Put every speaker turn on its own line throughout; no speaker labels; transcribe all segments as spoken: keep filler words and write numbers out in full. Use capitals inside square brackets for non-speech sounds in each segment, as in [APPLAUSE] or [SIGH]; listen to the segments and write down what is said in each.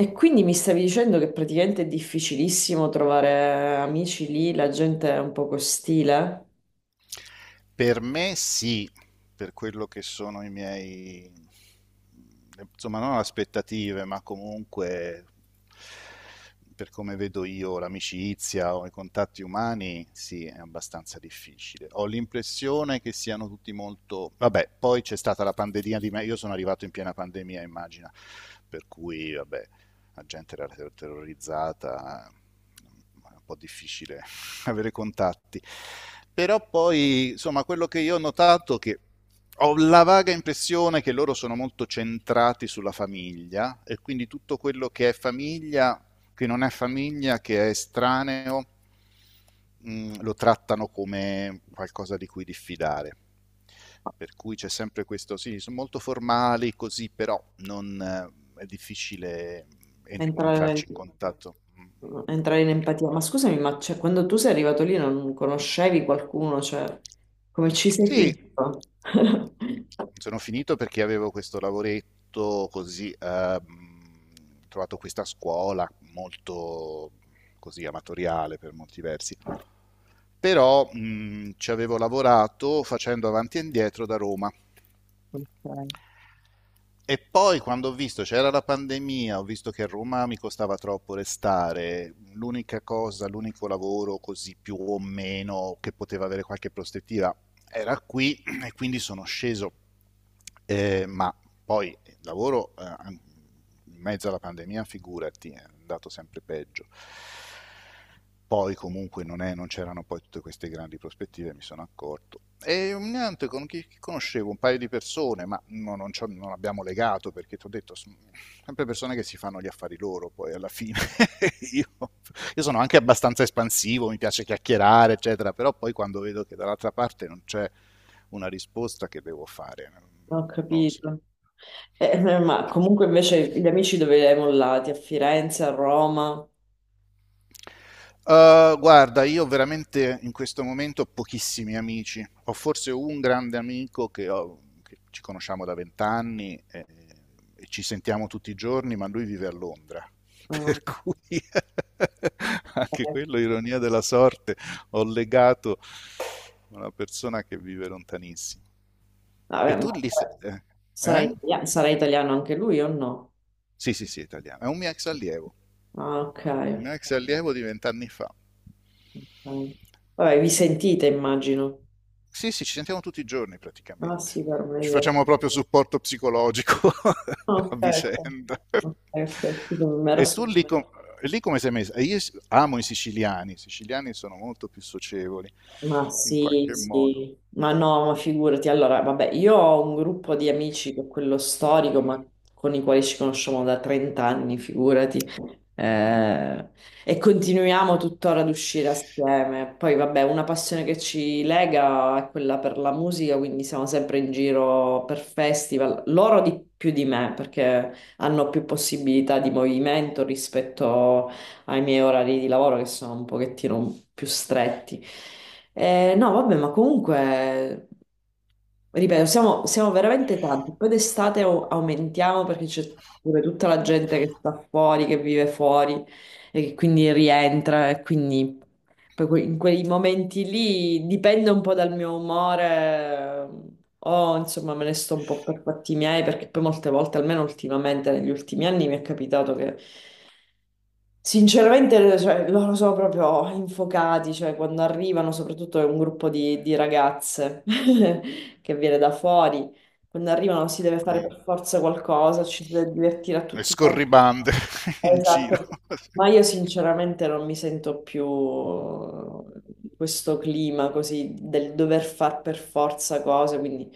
E quindi mi stavi dicendo che praticamente è difficilissimo trovare amici lì, la gente è un po' ostile,
Per me sì, per quello che sono i miei, insomma, non aspettative, ma comunque per come vedo io l'amicizia o i contatti umani, sì, è abbastanza difficile. Ho l'impressione che siano tutti molto... Vabbè, poi c'è stata la pandemia di me, io sono arrivato in piena pandemia, immagina, per cui, vabbè, la gente era ter- terrorizzata, è un po' difficile avere contatti. Però poi, insomma, quello che io ho notato è che ho la vaga impressione che loro sono molto centrati sulla famiglia e quindi tutto quello che è famiglia, che non è famiglia, che è estraneo, mh, lo trattano come qualcosa di cui diffidare. Per cui c'è sempre questo, sì, sono molto formali così, però non, eh, è difficile en-
entrare,
entrarci in contatto. Mm.
entrare in empatia. Ma scusami, ma cioè, quando tu sei arrivato lì non conoscevi qualcuno, cioè, come ci sei
Sì,
finito? [LAUGHS]
sono finito perché avevo questo lavoretto così, ehm, ho trovato questa scuola molto così amatoriale per molti versi, però mh, ci avevo lavorato facendo avanti e indietro da Roma.
Ok.
E poi quando ho visto c'era la pandemia, ho visto che a Roma mi costava troppo restare, l'unica cosa, l'unico lavoro così più o meno che poteva avere qualche prospettiva era qui e quindi sono sceso. Eh, ma poi il lavoro eh, an- in mezzo alla pandemia, figurati, è andato sempre peggio. Poi comunque non, è- non c'erano poi tutte queste grandi prospettive, mi sono accorto. E mm, niente, con chi chi conoscevo un paio di persone, ma no- non, c'ho- non abbiamo legato perché ti ho detto, s- sempre persone che si fanno gli affari loro poi alla fine. [LAUGHS] io, io sono anche abbastanza espansivo, mi piace chiacchierare, eccetera, però poi quando vedo che dall'altra parte non c'è una risposta che devo fare,
Ho
non lo so.
capito. Eh, eh, ma comunque invece gli amici dove li hai mollati? A Firenze, a Roma?
Uhm, guarda, io veramente in questo momento ho pochissimi amici. Ho forse un grande amico che, ho- che ci conosciamo da vent'anni e, e ci sentiamo tutti i giorni, ma lui vive a Londra. [LAUGHS]
Ah,
Per cui [LAUGHS] anche
ok.
quello, ironia della sorte, ho legato una persona che vive lontanissimo. E
Vabbè,
tu
ma
lì... se- Eh?
sarà
Eh?
italiano, sarà italiano anche lui o no?
Sì, sì, sì, italiano. È un mio ex allievo,
Ah, ok.
un mio ex allievo di vent'anni fa.
Mm. Vabbè, vi sentite, immagino.
Sì, sì, ci sentiamo tutti i giorni
Ah,
praticamente.
sì, per
Ci
me.
facciamo proprio supporto psicologico [LAUGHS]
Ah, ok,
a
ecco.
vicenda.
Ok, ok. Mi ero.
E tu lì, com- lì come sei messa? Io s- amo i siciliani, i siciliani sono molto più socievoli
Ma
in
sì,
qualche modo.
sì, ma no, ma figurati, allora, vabbè, io ho un gruppo di amici che è quello storico, ma con i quali ci conosciamo da trenta anni, figurati, Eh, e continuiamo tuttora ad uscire assieme. Poi, vabbè, una passione che ci lega è quella per la musica, quindi siamo sempre in giro per festival, loro di più di me, perché hanno più possibilità di movimento rispetto ai miei orari di lavoro che sono un pochettino più stretti. Eh, no, vabbè, ma comunque, ripeto, siamo, siamo veramente tanti. Poi d'estate au- aumentiamo perché c'è pure tutta la gente che sta fuori, che vive fuori e che quindi rientra e quindi poi que- in quei momenti lì dipende un po' dal mio umore. O insomma me ne sto un po' per fatti miei perché poi molte volte, almeno ultimamente negli ultimi anni, mi è capitato che sinceramente, cioè, loro sono proprio infuocati, cioè quando arrivano, soprattutto è un gruppo di, di ragazze [LAUGHS] che viene da fuori, quando arrivano si deve fare
Mm.
per forza qualcosa, ci si deve divertire a
E
tutti i costi.
scorribande [LAUGHS] in giro.
Esatto. Ma io sinceramente non mi sento più questo clima così del dover far per forza cose, quindi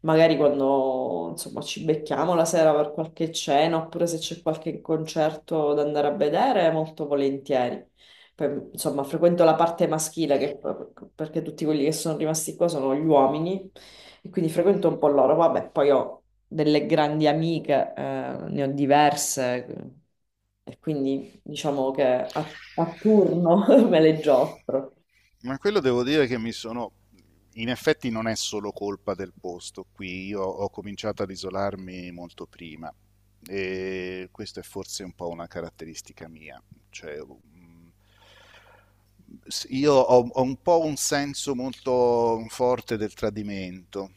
magari quando insomma ci becchiamo la sera per qualche cena oppure se c'è qualche concerto da andare a vedere, molto volentieri. Poi, insomma, frequento la parte maschile che- perché tutti quelli che sono rimasti qua sono gli uomini e quindi frequento un po' loro. Vabbè, poi ho delle grandi amiche, eh, ne ho diverse e quindi diciamo che a, a turno [LAUGHS] me le giostro.
Ma quello devo dire che mi sono... In effetti non è solo colpa del posto qui, io ho cominciato ad isolarmi molto prima e questa è forse un po' una caratteristica mia, cioè mm, s- io ho, ho un po' un senso molto forte del tradimento,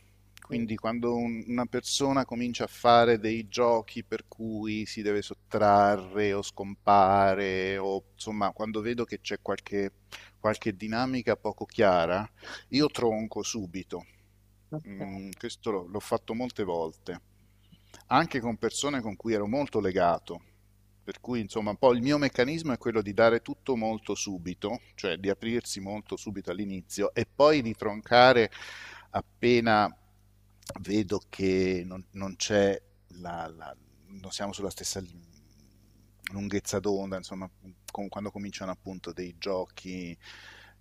quindi quando un- una persona comincia a fare dei giochi per cui si deve sottrarre o scompare o insomma quando vedo che c'è qualche qualche dinamica poco chiara, io tronco subito.
Ok.
Mm, questo l'ho, l'ho fatto molte volte, anche con persone con cui ero molto legato. Per cui, insomma, un po' il mio meccanismo è quello di dare tutto molto subito, cioè di aprirsi molto subito all'inizio e poi di troncare appena vedo che non, non c'è la, la- non siamo sulla stessa lunghezza d'onda, insomma, com- quando cominciano appunto dei giochi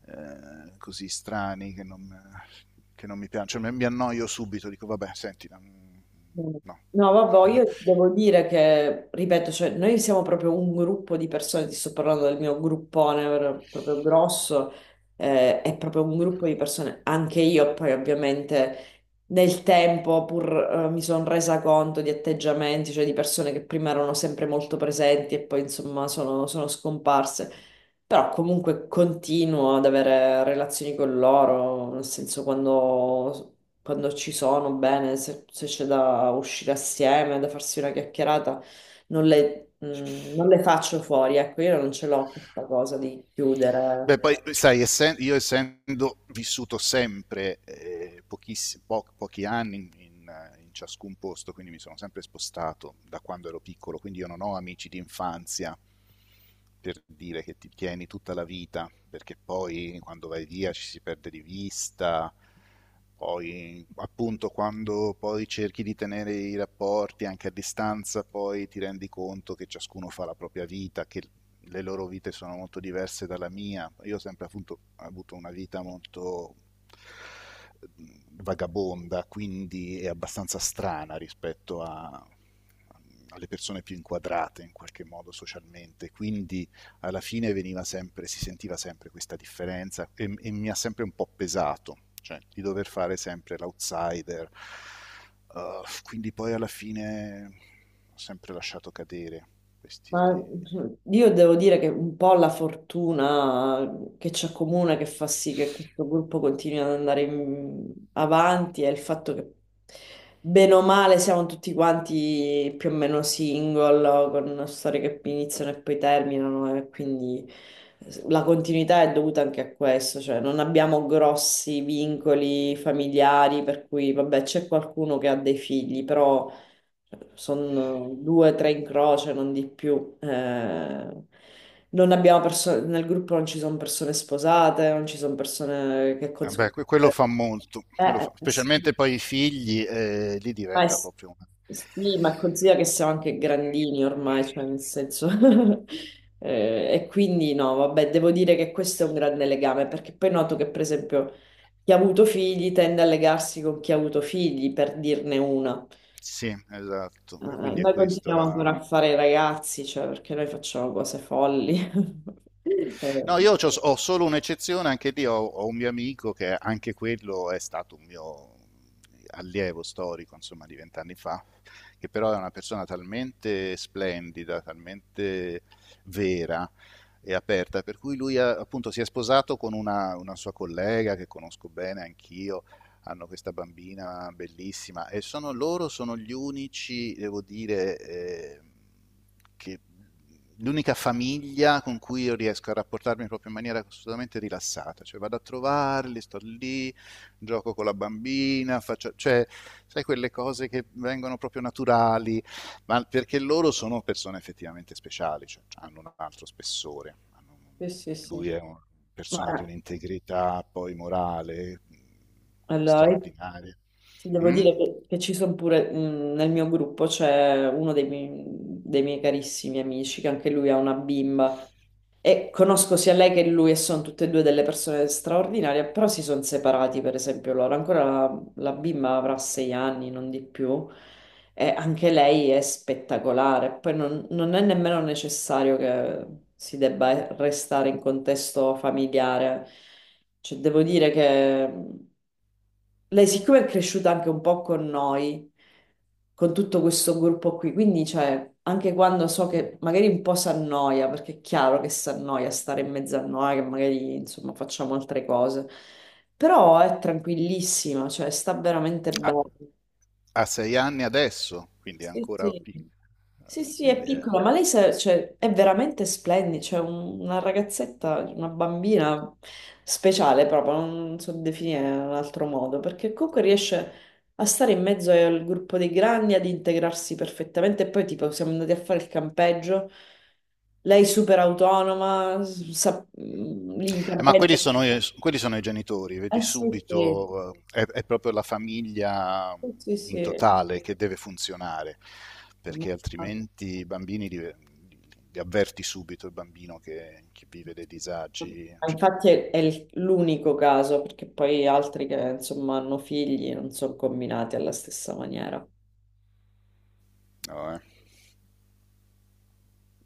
eh, così strani che non, che non mi piacciono, cioè, mi, mi annoio subito, dico vabbè, senti, mm, no.
No, vabbè,
[LAUGHS]
io devo dire che, ripeto, cioè, noi siamo proprio un gruppo di persone, ti sto parlando del mio gruppone ver- proprio grosso, eh, è proprio un gruppo di persone, anche io poi ovviamente nel tempo pur eh, mi sono resa conto di atteggiamenti, cioè di persone che prima erano sempre molto presenti e poi insomma sono, sono scomparse, però comunque continuo ad avere relazioni con loro, nel senso quando quando ci sono, bene, se, se c'è da uscire assieme, da farsi una chiacchierata, non le, mh, non le faccio fuori, ecco, io non ce l'ho questa cosa di
Beh,
chiudere.
poi sai, essen- io essendo vissuto sempre eh, pochiss- po- pochi anni in, in- in ciascun posto, quindi mi sono sempre spostato da quando ero piccolo, quindi io non ho amici di infanzia per dire che ti tieni tutta la vita, perché poi quando vai via ci si perde di vista, poi appunto quando poi cerchi di tenere i rapporti anche a distanza, poi ti rendi conto che ciascuno fa la propria vita, che le loro vite sono molto diverse dalla mia. Io ho sempre appunto, avuto una vita molto mm, vagabonda, quindi è abbastanza strana rispetto a, alle persone più inquadrate in qualche modo socialmente, quindi alla fine veniva sempre, si sentiva sempre questa differenza e, e mi ha sempre un po' pesato, cioè di dover fare sempre l'outsider, uh, quindi poi alla fine ho sempre lasciato cadere questi, di,
Ma cioè, io devo dire che un po' la fortuna che ci accomuna, che fa sì che questo gruppo continui ad andare in- avanti, è il fatto che bene o male siamo tutti quanti più o meno single, con storie che iniziano e poi terminano, e quindi la continuità è dovuta anche a questo, cioè non abbiamo grossi vincoli familiari, per cui vabbè c'è qualcuno che ha dei figli, però sono due, tre in croce, non di più. Eh, non abbiamo perso- nel gruppo non ci sono persone sposate, non ci sono persone che
Eh
cons-
beh, que- quello
eh,
fa molto, quello fa-
eh, eh, sì,
specialmente poi i figli, eh, lì
ma, è-
diventa proprio una...
sì, ma considera che siamo anche grandini ormai, cioè nel senso. [LAUGHS] Eh, e quindi no, vabbè, devo dire che questo è un grande legame, perché poi noto che, per esempio, chi ha avuto figli tende a legarsi con chi ha avuto figli, per dirne una.
Sì, esatto,
Eh,
e quindi è
Noi
questo
continuiamo
la...
ancora a fare i ragazzi, cioè, perché noi facciamo cose folli. [LAUGHS] Eh,
No, io c'ho- ho, solo un'eccezione, anche lì ho, ho un mio amico che anche quello è stato un mio allievo storico, insomma, di vent'anni fa, che però è una persona talmente splendida, talmente vera e aperta, per cui lui ha- appunto si è sposato con una, una sua collega che conosco bene anch'io, hanno questa bambina bellissima e sono loro sono gli unici, devo dire, eh, che l'unica famiglia con cui io riesco a rapportarmi proprio in maniera assolutamente rilassata, cioè vado a trovarli, sto lì, gioco con la bambina, faccio, cioè, sai quelle cose che vengono proprio naturali, ma perché loro sono persone effettivamente speciali, cioè, hanno un altro spessore. hanno un-
sì, sì, sì.
Lui è una
ma,
persona di un'integrità poi morale mh,
allora, io
straordinaria.
ti devo
Mm?
dire che, che ci sono pure, mh, nel mio gruppo c'è uno dei miei, dei miei carissimi amici, che anche lui ha una bimba. E conosco sia lei che lui e sono tutte e due delle persone straordinarie, però si sono separati, per esempio, loro. Ancora la, la bimba avrà sei anni, non di più, e anche lei è spettacolare. Poi non, non è nemmeno necessario che si debba restare in contesto familiare. Cioè, devo dire che lei siccome è cresciuta anche un po' con noi, con tutto questo gruppo qui, quindi cioè, anche quando so che magari un po' si annoia, perché è chiaro che si annoia stare in mezzo a noi, che magari insomma facciamo altre cose, però è tranquillissima, cioè sta veramente
A,
bene.
a sei anni adesso, quindi è
Sì,
ancora piccolo.
sì. Sì, sì, è
Quindi è...
piccola, ma lei sa- cioè, è veramente splendida, cioè un- una ragazzetta, una bambina speciale proprio, non so definire in un altro modo, perché comunque riesce a stare in mezzo al gruppo dei grandi, ad integrarsi perfettamente, e poi tipo siamo andati a fare il campeggio, lei super autonoma, s- sa, mm, lì in
Eh, ma quelli
campeggio,
sono, i- quelli sono i genitori, vedi
eh sì, sì,
subito, eh, è, è proprio la famiglia
sì, sì,
in
sì.
totale che deve funzionare, perché altrimenti i bambini li, li avverti subito il bambino che, che vive dei disagi.
Ma
Cioè,
infatti è, è il- l'unico caso, perché poi altri che insomma hanno figli non sono combinati alla stessa maniera.
no, eh.